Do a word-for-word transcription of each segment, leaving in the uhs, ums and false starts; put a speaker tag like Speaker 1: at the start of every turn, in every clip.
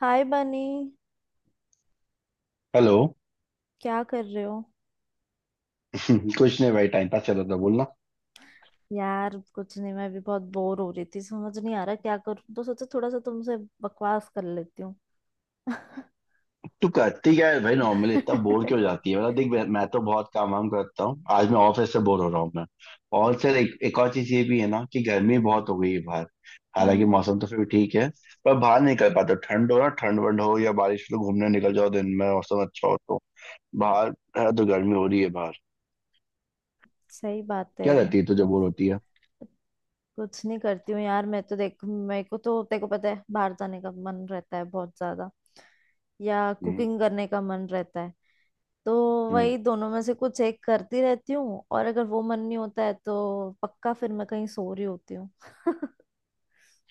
Speaker 1: हाय Bunny.
Speaker 2: Hello.
Speaker 1: क्या कर रहे हो?
Speaker 2: कुछ नहीं भाई, टाइम पास चल रहा था बोलना।
Speaker 1: यार कुछ नहीं, मैं भी बहुत बोर हो रही थी, समझ नहीं आ रहा क्या करूं, तो सोचा थोड़ा सा तुमसे बकवास कर लेती हूँ।
Speaker 2: तू करती क्या है भाई नॉर्मली? इतना बोर क्यों हो जाती है? मतलब देख, मैं मैं तो बहुत काम वाम करता हूँ। आज मैं ऑफिस से बोर हो रहा हूँ मैं। और सर एक, एक और चीज ये भी है ना कि गर्मी
Speaker 1: हम्म।
Speaker 2: बहुत हो गई है बाहर। हालांकि
Speaker 1: हम्म,
Speaker 2: मौसम तो फिर भी ठीक है, पर बाहर नहीं निकल पाता। ठंड हो ना, ठंड वंड हो या बारिश हो तो घूमने निकल जाओ। दिन में मौसम अच्छा हो तो बाहर है। तो गर्मी हो रही है बाहर।
Speaker 1: सही बात है।
Speaker 2: क्या रहती है तुझे,
Speaker 1: हम्म,
Speaker 2: बोर होती है?
Speaker 1: कुछ नहीं करती हूँ यार, मैं तो, देख मेरे को तो तेरे को पता है बाहर जाने का मन रहता है बहुत ज्यादा, या
Speaker 2: हम्म।
Speaker 1: कुकिंग करने का मन रहता है। तो
Speaker 2: हम्म।
Speaker 1: वही दोनों में से कुछ एक करती रहती हूँ, और अगर वो मन नहीं होता है तो पक्का फिर मैं कहीं सो रही होती हूँ।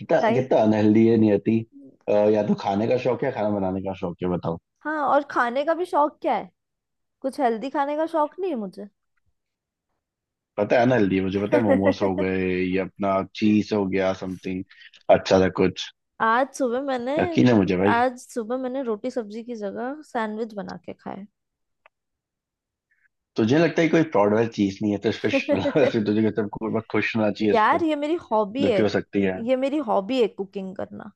Speaker 2: कितना
Speaker 1: कहीं।
Speaker 2: कितना अनहेल्दी है नियति। अ, या तो खाने का शौक है या खाना बनाने का शौक है, बताओ।
Speaker 1: हाँ, और खाने का भी शौक क्या है, कुछ हेल्दी खाने का शौक नहीं है मुझे।
Speaker 2: पता है अनहेल्दी, मुझे पता है। मोमोस हो गए, ये अपना चीज हो गया समथिंग अच्छा सा कुछ।
Speaker 1: आज सुबह मैंने
Speaker 2: यकीन है मुझे भाई।
Speaker 1: आज सुबह मैंने रोटी सब्जी की जगह सैंडविच बना के खाया।
Speaker 2: तुझे लगता है कोई प्राउड वाली चीज नहीं है तो इस पे श- मतलब तुझे सब बहुत खुश होना चाहिए इस पे।
Speaker 1: यार ये मेरी हॉबी है,
Speaker 2: दुखी हो सकती है।
Speaker 1: ये मेरी हॉबी है, कुकिंग करना।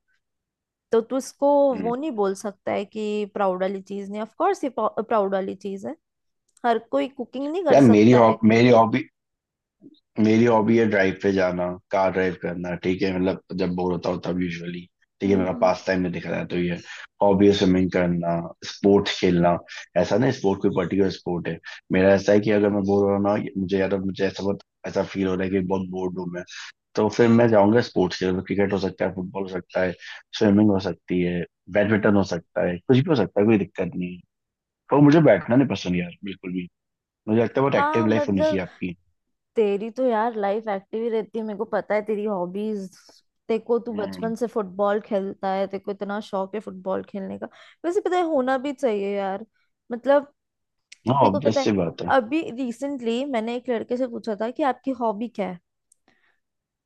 Speaker 1: तो तू इसको
Speaker 2: हम्म।
Speaker 1: वो नहीं बोल सकता है कि प्राउड वाली चीज नहीं, ऑफ कोर्स ये प्राउड वाली चीज है। हर कोई कुकिंग नहीं कर
Speaker 2: यार मेरी
Speaker 1: सकता है।
Speaker 2: हॉब मेरी हॉबी, मेरी हॉबी है ड्राइव पे जाना। कार ड्राइव करना, ठीक है? मतलब जब बोर होता हूँ तब यूजुअली ठीक है,
Speaker 1: हम्म।
Speaker 2: मेरा
Speaker 1: हम्म।
Speaker 2: पास टाइम में दिख रहा है तो ये हॉबी है, स्विमिंग करना, स्पोर्ट्स खेलना। ऐसा नहीं स्पोर्ट कोई पर्टिकुलर स्पोर्ट है। मेरा ऐसा है कि अगर मैं बोर हो रहा हूँ ना मुझे, या तो मुझे ऐसा बहुत ऐसा फील हो रहा है कि बहुत बोर्ड हूँ मैं, तो फिर मैं जाऊंगा स्पोर्ट्स खेल। क्रिकेट हो सकता है, फुटबॉल हो सकता है, स्विमिंग हो सकती है, बैडमिंटन
Speaker 1: हम्म।
Speaker 2: हो सकता है, कुछ भी हो सकता है, कोई दिक्कत नहीं है। पर मुझे बैठना नहीं पसंद यार बिल्कुल भी। मुझे लगता है बहुत
Speaker 1: हाँ
Speaker 2: एक्टिव लाइफ होनी चाहिए
Speaker 1: मतलब,
Speaker 2: आपकी।
Speaker 1: तेरी तो यार लाइफ एक्टिव ही रहती है, मेरे को पता है तेरी हॉबीज। तेरे को, तू
Speaker 2: हम्म।
Speaker 1: बचपन से फुटबॉल खेलता है, तेरे को इतना शौक है फुटबॉल खेलने का। वैसे पता है होना भी चाहिए यार। मतलब
Speaker 2: हाँ
Speaker 1: तेरे को पता
Speaker 2: ऑब्वियस
Speaker 1: है
Speaker 2: सी बात है।
Speaker 1: अभी रिसेंटली मैंने एक लड़के से पूछा था कि आपकी हॉबी क्या है।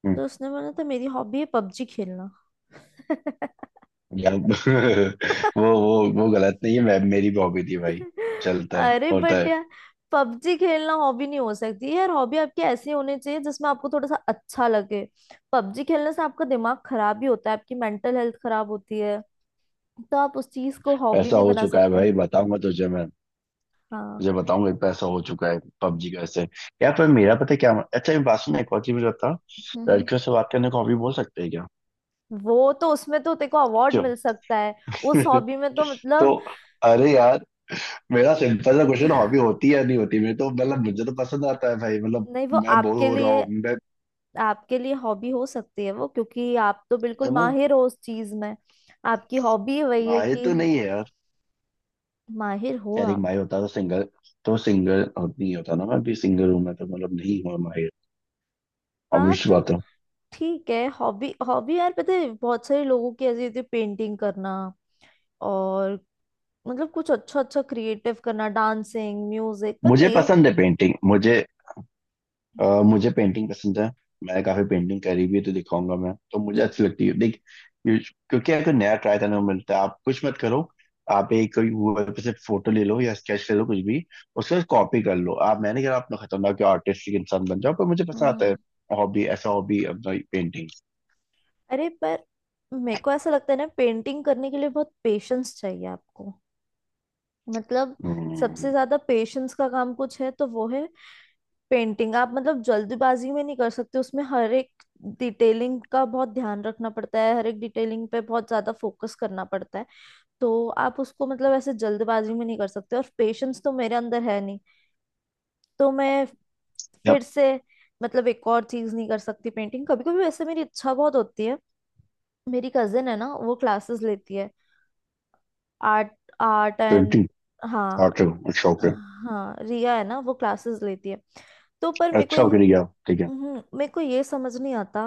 Speaker 2: हम्म।
Speaker 1: तो उसने बोला था मेरी हॉबी है पबजी खेलना।
Speaker 2: गलत। वो वो वो गलत नहीं है, मैं मेरी भी हॉबी थी भाई। चलता है,
Speaker 1: अरे
Speaker 2: होता
Speaker 1: बट
Speaker 2: है।
Speaker 1: यार, पबजी खेलना हॉबी नहीं हो सकती यार, हॉबी आपकी ऐसी होनी चाहिए जिसमें आपको थोड़ा सा अच्छा लगे। पबजी खेलने से आपका दिमाग खराब भी होता है, आपकी मेंटल हेल्थ खराब होती है। तो आप उस चीज को हॉबी
Speaker 2: ऐसा
Speaker 1: नहीं
Speaker 2: हो
Speaker 1: बना
Speaker 2: चुका है
Speaker 1: सकते।
Speaker 2: भाई, बताऊंगा तुझे मैं।
Speaker 1: हाँ।
Speaker 2: तुझे बताऊंगा, एक पैसा हो चुका है पबजी का ऐसे। यार पर मेरा पता है क्या, अच्छा एक बात सुन, एक और चीज मुझे बता।
Speaker 1: हम्म।
Speaker 2: लड़कियों से बात करने को हॉबी बोल सकते हैं क्या?
Speaker 1: वो तो उसमें तो तेको अवार्ड
Speaker 2: क्यों?
Speaker 1: मिल सकता है। उस हॉबी में तो मतलब।
Speaker 2: तो, अरे यार, मेरा सिंपल सा क्वेश्चन, हॉबी होती है या नहीं होती? मेरे तो मतलब मुझे तो पसंद आता है भाई, मतलब।
Speaker 1: नहीं, वो
Speaker 2: मैं बोर
Speaker 1: आपके
Speaker 2: हो रहा
Speaker 1: लिए
Speaker 2: हूँ मैं।
Speaker 1: आपके लिए हॉबी हो सकती है वो, क्योंकि आप तो बिल्कुल
Speaker 2: है ना?
Speaker 1: माहिर हो उस चीज में। आपकी हॉबी वही है
Speaker 2: आए
Speaker 1: कि
Speaker 2: तो नहीं है।
Speaker 1: माहिर हो
Speaker 2: खैर, एक
Speaker 1: आप।
Speaker 2: भाई होता तो सिंगल, तो सिंगल और नहीं होता ना, मैं भी सिंगल हूं मैं तो, मतलब नहीं हुआ माहिर।
Speaker 1: हाँ
Speaker 2: ऑब्वियस
Speaker 1: तो
Speaker 2: बात है।
Speaker 1: ठीक है, हॉबी हॉबी यार, पता है बहुत सारे लोगों की ऐसी होती है, पेंटिंग करना और, मतलब कुछ अच्छा अच्छा क्रिएटिव करना, डांसिंग, म्यूजिक, पर
Speaker 2: मुझे
Speaker 1: मेरे।
Speaker 2: पसंद है पेंटिंग मुझे। अ, मुझे पेंटिंग पसंद है। मैंने काफी पेंटिंग करी भी है, तो दिखाऊंगा मैं तो, मुझे अच्छी लगती है। देख ये- क्योंकि अगर नया ट्राई करने को मिलता है, आप कुछ मत करो, आप एक कोई गूगल पे से फोटो ले लो या स्केच ले लो कुछ भी, उसके बाद कॉपी कर लो आप। मैंने कहा आप ना खतरनाक आर्टिस्टिक इंसान बन जाओ, पर मुझे पसंद आता
Speaker 1: हम्म।
Speaker 2: है। हॉबी, ऐसा हॉबी अपना पेंटिंग।
Speaker 1: अरे पर मेरे को ऐसा लगता है ना, पेंटिंग करने के लिए बहुत पेशेंस चाहिए आपको। मतलब सबसे
Speaker 2: हम्म।
Speaker 1: ज्यादा पेशेंस का काम कुछ है तो वो है पेंटिंग। आप मतलब जल्दबाजी में नहीं कर सकते, उसमें हर एक डिटेलिंग का बहुत ध्यान रखना पड़ता है, हर एक डिटेलिंग पे बहुत ज्यादा फोकस करना पड़ता है। तो आप उसको मतलब ऐसे जल्दबाजी में नहीं कर सकते, और पेशेंस तो मेरे अंदर है नहीं। तो मैं, फिर से, मतलब एक और चीज नहीं कर सकती, पेंटिंग। कभी कभी वैसे मेरी इच्छा बहुत होती है। मेरी कजिन है ना वो क्लासेस लेती है, आर्ट, आर्ट एंड।
Speaker 2: पेंटिंग।
Speaker 1: हाँ।
Speaker 2: आर्ट, शौक है।
Speaker 1: हाँ रिया है ना वो क्लासेस लेती है। तो पर मेरे को
Speaker 2: अच्छा,
Speaker 1: ये-।
Speaker 2: ओके, ठीक है, ठीक है।
Speaker 1: हम्म, मेरे को ये समझ नहीं आता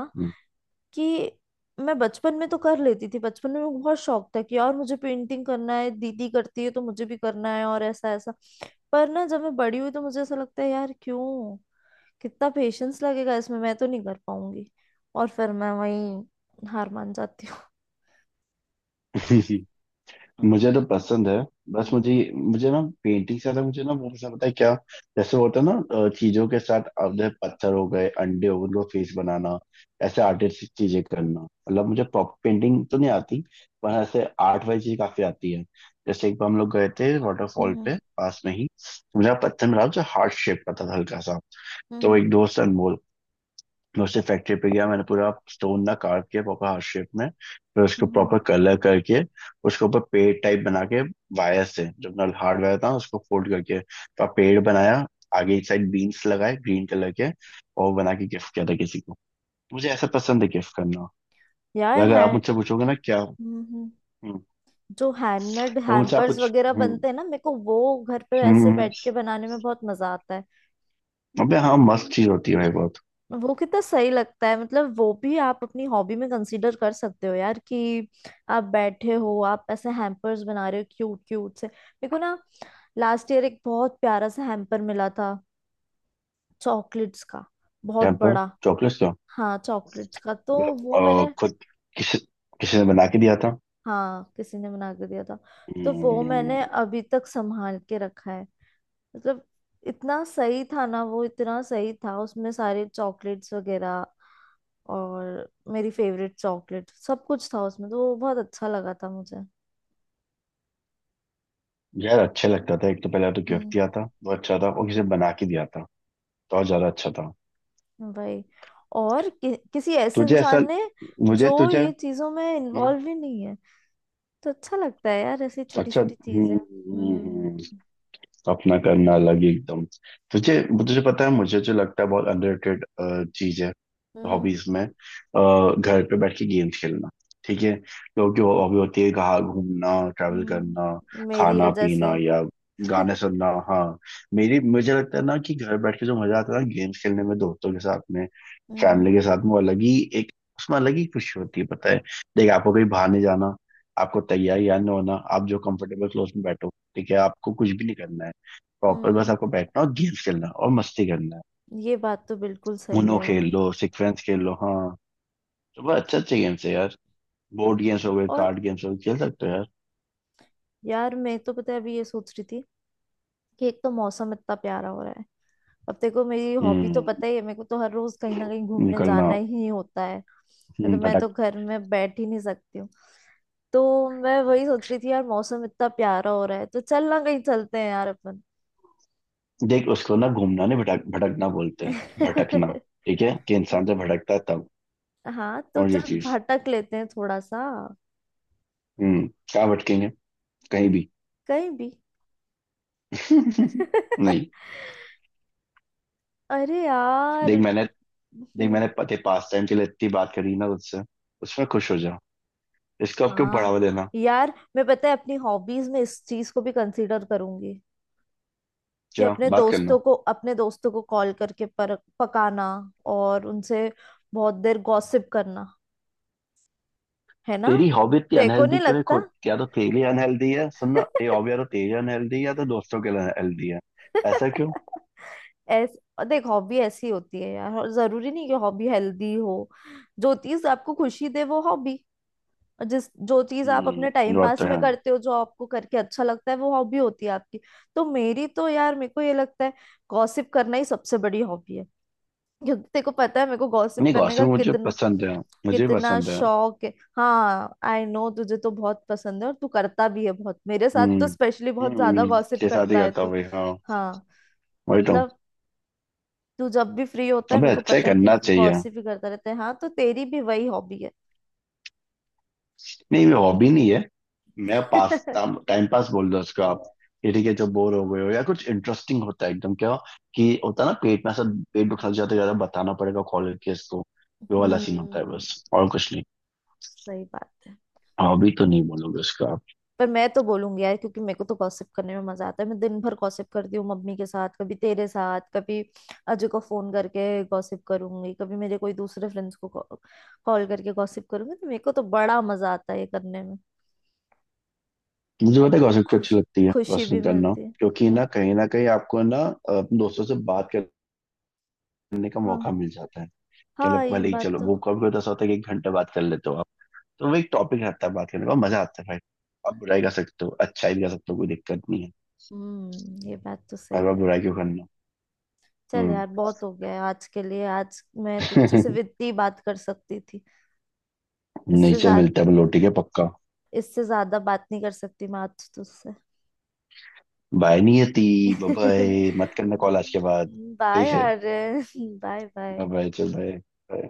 Speaker 1: कि मैं बचपन में तो कर लेती थी, बचपन में मेरे को बहुत शौक था कि यार मुझे पेंटिंग करना है दीदी करती है तो मुझे भी करना है, और ऐसा ऐसा। पर ना जब मैं बड़ी हुई तो मुझे ऐसा लगता है यार, क्यों, कितना पेशेंस लगेगा इसमें, मैं तो नहीं कर पाऊंगी। और फिर मैं वही हार मान जाती हूँ।
Speaker 2: हम्म। मुझे तो पसंद है। बस मुझे
Speaker 1: हम्म।
Speaker 2: मुझे ना पेंटिंग से ज्यादा मुझे ना वो पसंद, पता है क्या? जैसे वो होता है ना, अ, चीजों के साथ, अब जैसे पत्थर हो गए, अंडे हो गए, उनको फेस बनाना, ऐसे आर्टिस्टिक चीजें करना। मतलब मुझे प्रॉपर पेंटिंग तो नहीं आती, पर ऐसे आर्ट वाली चीज काफी आती है। जैसे एक बार हम लोग गए थे वाटरफॉल
Speaker 1: हम्म।
Speaker 2: पे, पास में ही तो मुझे पत्थर मिला जो हार्ट शेप का था हल्का सा। तो
Speaker 1: हम्म।
Speaker 2: एक दोस्त अनमोल, मैं उससे फैक्ट्री पे गया, मैंने पूरा स्टोन ना काट के प्रॉपर हार्ट शेप में, फिर उसको
Speaker 1: हम्म।
Speaker 2: प्रॉपर कलर करके उसके ऊपर पेड़ टाइप बना के, वायर से, जब नल हार्ड वायर था, उसको फोल्ड करके तो पेड़ बनाया। आगे एक साइड बीन्स लगाए ग्रीन कलर के और बना के गिफ्ट किया था किसी को। मुझे ऐसा पसंद है गिफ्ट करना।
Speaker 1: यार
Speaker 2: अगर
Speaker 1: है।
Speaker 2: आप मुझसे पूछोगे ना क्या।
Speaker 1: हम्म।
Speaker 2: हम्म।
Speaker 1: जो हैंडमेड
Speaker 2: तो मुझसे आप
Speaker 1: हैम्पर्स
Speaker 2: कुछ।
Speaker 1: वगैरह
Speaker 2: हम्म।
Speaker 1: बनते हैं ना, मेरे को वो घर पे
Speaker 2: हम्म।
Speaker 1: वैसे बैठ
Speaker 2: हम्म।
Speaker 1: के बनाने में बहुत मजा आता है।
Speaker 2: अबे हाँ, मस्त चीज होती है भाई बहुत।
Speaker 1: वो कितना सही लगता है, मतलब वो भी आप अपनी हॉबी में कंसीडर कर सकते हो यार, कि आप बैठे हो, आप ऐसे हैम्पर्स बना रहे हो क्यूट क्यूट से। मेरे को ना, लास्ट ईयर एक बहुत प्यारा सा हैम्पर मिला था, चॉकलेट्स का, बहुत
Speaker 2: क्या पर,
Speaker 1: बड़ा।
Speaker 2: चॉकलेट क्यों?
Speaker 1: हाँ चॉकलेट्स का। तो
Speaker 2: मतलब,
Speaker 1: वो
Speaker 2: अ,
Speaker 1: मैंने।
Speaker 2: खुद, किसी किसी ने बना के दिया था।
Speaker 1: हाँ, किसी ने बना के दिया था। तो वो
Speaker 2: हम्म।
Speaker 1: मैंने अभी तक संभाल के रखा है। मतलब इतना सही था ना वो, इतना सही था, उसमें सारे चॉकलेट्स वगैरह, और मेरी फेवरेट चॉकलेट सब कुछ था उसमें, तो वो बहुत अच्छा लगा था मुझे।
Speaker 2: यार अच्छा लगता था, एक तो पहला तो गिफ्ट
Speaker 1: हम्म।
Speaker 2: दिया था वो अच्छा था, और किसी ने बना के दिया था तो और ज्यादा अच्छा था।
Speaker 1: भाई। और कि, किसी ऐसे
Speaker 2: तुझे ऐसा,
Speaker 1: इंसान ने
Speaker 2: मुझे
Speaker 1: जो
Speaker 2: तुझे।
Speaker 1: ये चीजों में
Speaker 2: हम्म।
Speaker 1: इन्वॉल्व ही नहीं है, तो अच्छा लगता है यार ऐसी छोटी
Speaker 2: अच्छा।
Speaker 1: छोटी चीजें।
Speaker 2: हम्म। हम्म। हम्म।
Speaker 1: हम्म।
Speaker 2: अपना करना अलग ही एकदम। तुझे, तुझे पता है मुझे जो लगता है बहुत अंडररेटेड चीज है
Speaker 1: हम्म।
Speaker 2: हॉबीज में? अ, घर पे बैठ के गेम्स खेलना। ठीक है? लोगों की हॉबी होती है कहाँ घूमना, ट्रैवल करना,
Speaker 1: हम्म। मेरी
Speaker 2: खाना
Speaker 1: है
Speaker 2: पीना
Speaker 1: जैसे।
Speaker 2: या गाने सुनना। हाँ, मेरी मुझे लगता है ना कि घर बैठ के जो मजा आता है ना गेम्स खेलने में, दोस्तों के साथ में,
Speaker 1: हम्म।
Speaker 2: फैमिली के साथ में, वो अलग ही एक, उसमें अलग ही खुशी होती है, पता है? देख, आपको कहीं बाहर नहीं जाना, आपको तैयार या ना होना, आप जो कंफर्टेबल क्लोज में बैठो, ठीक है, आपको कुछ भी नहीं करना है प्रॉपर, बस
Speaker 1: हम्म।
Speaker 2: आपको बैठना और गेम्स खेलना और मस्ती करना है।
Speaker 1: ये बात तो बिल्कुल सही
Speaker 2: उनो
Speaker 1: है यार।
Speaker 2: खेल लो, सिक्वेंस खेल लो, हाँ, तो बड़ा अच्छे अच्छे गेम्स है यार। बोर्ड गेम्स हो गए,
Speaker 1: और
Speaker 2: कार्ड गेम्स हो गए, खेल सकते हो यार।
Speaker 1: यार मैं, तो पता है, अभी ये सोच रही थी कि एक तो मौसम इतना प्यारा हो रहा है, अब देखो मेरी हॉबी तो
Speaker 2: हम्म।
Speaker 1: पता ही है, मेरे को तो हर रोज कहीं ना कहीं घूमने
Speaker 2: निकलना।
Speaker 1: जाना ही होता है। तो
Speaker 2: हम्म,
Speaker 1: मैं
Speaker 2: भटक।
Speaker 1: तो घर में बैठ ही नहीं सकती हूँ। तो मैं वही सोच रही थी यार, मौसम इतना प्यारा हो रहा है, तो चल ना कहीं चलते हैं यार अपन।
Speaker 2: देख उसको ना घूमना नहीं, भटक, भटकना बोलते हैं, भटकना, ठीक है, कि इंसान से भटकता है तब।
Speaker 1: हाँ तो
Speaker 2: और ये
Speaker 1: चल
Speaker 2: चीज।
Speaker 1: भटक लेते हैं थोड़ा सा।
Speaker 2: हम्म, क्या भटकेंगे? कहीं भी।
Speaker 1: कहीं भी।
Speaker 2: नहीं।
Speaker 1: अरे यार।
Speaker 2: देख मैंने, देख
Speaker 1: हम्म।
Speaker 2: मैंने पते पास टाइम के लिए इतनी बात करी ना उससे, उसमें खुश हो जाओ, इसको अब क्यों
Speaker 1: हाँ
Speaker 2: बढ़ावा देना?
Speaker 1: यार मैं, पता है, अपनी हॉबीज में इस चीज को भी कंसीडर करूंगी कि
Speaker 2: क्या
Speaker 1: अपने
Speaker 2: बात करना।
Speaker 1: दोस्तों को अपने दोस्तों को कॉल करके पर, पकाना, और उनसे बहुत देर गॉसिप करना, है ना।
Speaker 2: तेरी हॉबी इतनी
Speaker 1: तेरे को नहीं
Speaker 2: अनहेल्दी क्यों है
Speaker 1: लगता?
Speaker 2: खुद, या तो तेरे लिए अनहेल्दी है सुनना ये हॉबी, या तो तेरे लिए अनहेल्दी है या तो दोस्तों के लिए अनहेल्दी है। ऐसा क्यों?
Speaker 1: ऐस देख, हॉबी ऐसी होती है यार, और जरूरी नहीं कि हॉबी हेल्दी हो। जो चीज आपको खुशी दे वो हॉबी। जिस जो चीज आप अपने
Speaker 2: हम्म,
Speaker 1: टाइम
Speaker 2: बात
Speaker 1: पास
Speaker 2: तो
Speaker 1: में
Speaker 2: है।
Speaker 1: करते हो जो आपको करके अच्छा लगता है वो हॉबी होती है आपकी। तो मेरी तो यार मेरे को ये लगता है गॉसिप करना ही सबसे बड़ी हॉबी है, क्योंकि तेरे को पता है मेरे को गॉसिप
Speaker 2: नहीं
Speaker 1: करने का
Speaker 2: गॉसिप मुझे
Speaker 1: कितना
Speaker 2: पसंद है, मुझे भी
Speaker 1: कितना
Speaker 2: पसंद है।
Speaker 1: शौक है। हाँ आई नो, तुझे तो बहुत पसंद है और तू करता भी है बहुत, मेरे साथ तो
Speaker 2: हम्म।
Speaker 1: स्पेशली बहुत ज्यादा
Speaker 2: हम्म
Speaker 1: गॉसिप
Speaker 2: के साथ ही
Speaker 1: करता है
Speaker 2: करता हूँ
Speaker 1: तू।
Speaker 2: भाई, हाँ।
Speaker 1: हाँ
Speaker 2: वही तो।
Speaker 1: मतलब, तू जब भी फ्री होता है
Speaker 2: हमें
Speaker 1: मेरे को
Speaker 2: अच्छा ही
Speaker 1: पता है कि
Speaker 2: करना चाहिए।
Speaker 1: गॉसिप ही करता रहता है। हाँ तो तेरी भी वही हॉबी है।
Speaker 2: नहीं ये हॉबी नहीं है, मैं पास टाइम पास बोल दो उसको आप, कि ठीक है जब बोर हो गए हो या कुछ इंटरेस्टिंग होता है एकदम, क्या, कि होता है ना पेट में ऐसा, पेट दुखा जाता है ज्यादा, बताना पड़ेगा कॉल करके इसको, वो वाला सीन होता है,
Speaker 1: हम्म।
Speaker 2: बस और कुछ नहीं।
Speaker 1: सही बात है।
Speaker 2: हॉबी तो नहीं बोलोगे उसका आप।
Speaker 1: पर मैं तो बोलूंगी यार, क्योंकि मेरे को तो गॉसिप करने में मजा आता है, मैं दिन भर गॉसिप करती हूँ, मम्मी के साथ कभी, तेरे साथ कभी, अजय को फोन करके गॉसिप करूंगी कभी, मेरे कोई दूसरे फ्रेंड्स को कॉल करके गॉसिप करूंगी, तो मेरे को तो बड़ा मजा आता है ये करने में।
Speaker 2: मुझे
Speaker 1: और
Speaker 2: पता है गॉसिप क्यों
Speaker 1: खुश
Speaker 2: अच्छी लगती है,
Speaker 1: खुशी भी
Speaker 2: गॉसिपिंग करना,
Speaker 1: मिलती है।
Speaker 2: क्योंकि
Speaker 1: हम्म।
Speaker 2: ना कहीं ना कहीं आपको ना अपने दोस्तों से बात करने का
Speaker 1: हाँ
Speaker 2: मौका मिल जाता है। क्या
Speaker 1: हाँ
Speaker 2: लग,
Speaker 1: ये
Speaker 2: भले ही
Speaker 1: बात
Speaker 2: चलो
Speaker 1: तो,
Speaker 2: वो कभी कभी तो ऐसा होता है कि एक घंटे बात कर लेते हो, तो वो एक टॉपिक रहता है बात करने का, मजा आता है भाई। आप बुराई कर सकते हो, अच्छाई भी कर सकते हो, कोई दिक्कत नहीं है।
Speaker 1: हम्म, ये बात तो
Speaker 2: हर
Speaker 1: सही
Speaker 2: बार
Speaker 1: है।
Speaker 2: बुराई क्यों करना?
Speaker 1: चल
Speaker 2: हम्म।
Speaker 1: यार, बहुत हो गया है आज के लिए, आज मैं तुझसे सिर्फ इतनी बात कर सकती थी। इससे
Speaker 2: नेचर
Speaker 1: ज्यादा,
Speaker 2: मिलता है लोटी के, पक्का।
Speaker 1: इससे ज्यादा बात नहीं कर सकती मैं आज तुझसे।
Speaker 2: बाय नियति। बाय मत करना कॉल आज के बाद। ठीक
Speaker 1: बाय
Speaker 2: है।
Speaker 1: Aryan. Bye
Speaker 2: bye
Speaker 1: bye.
Speaker 2: Bye, चल बाय।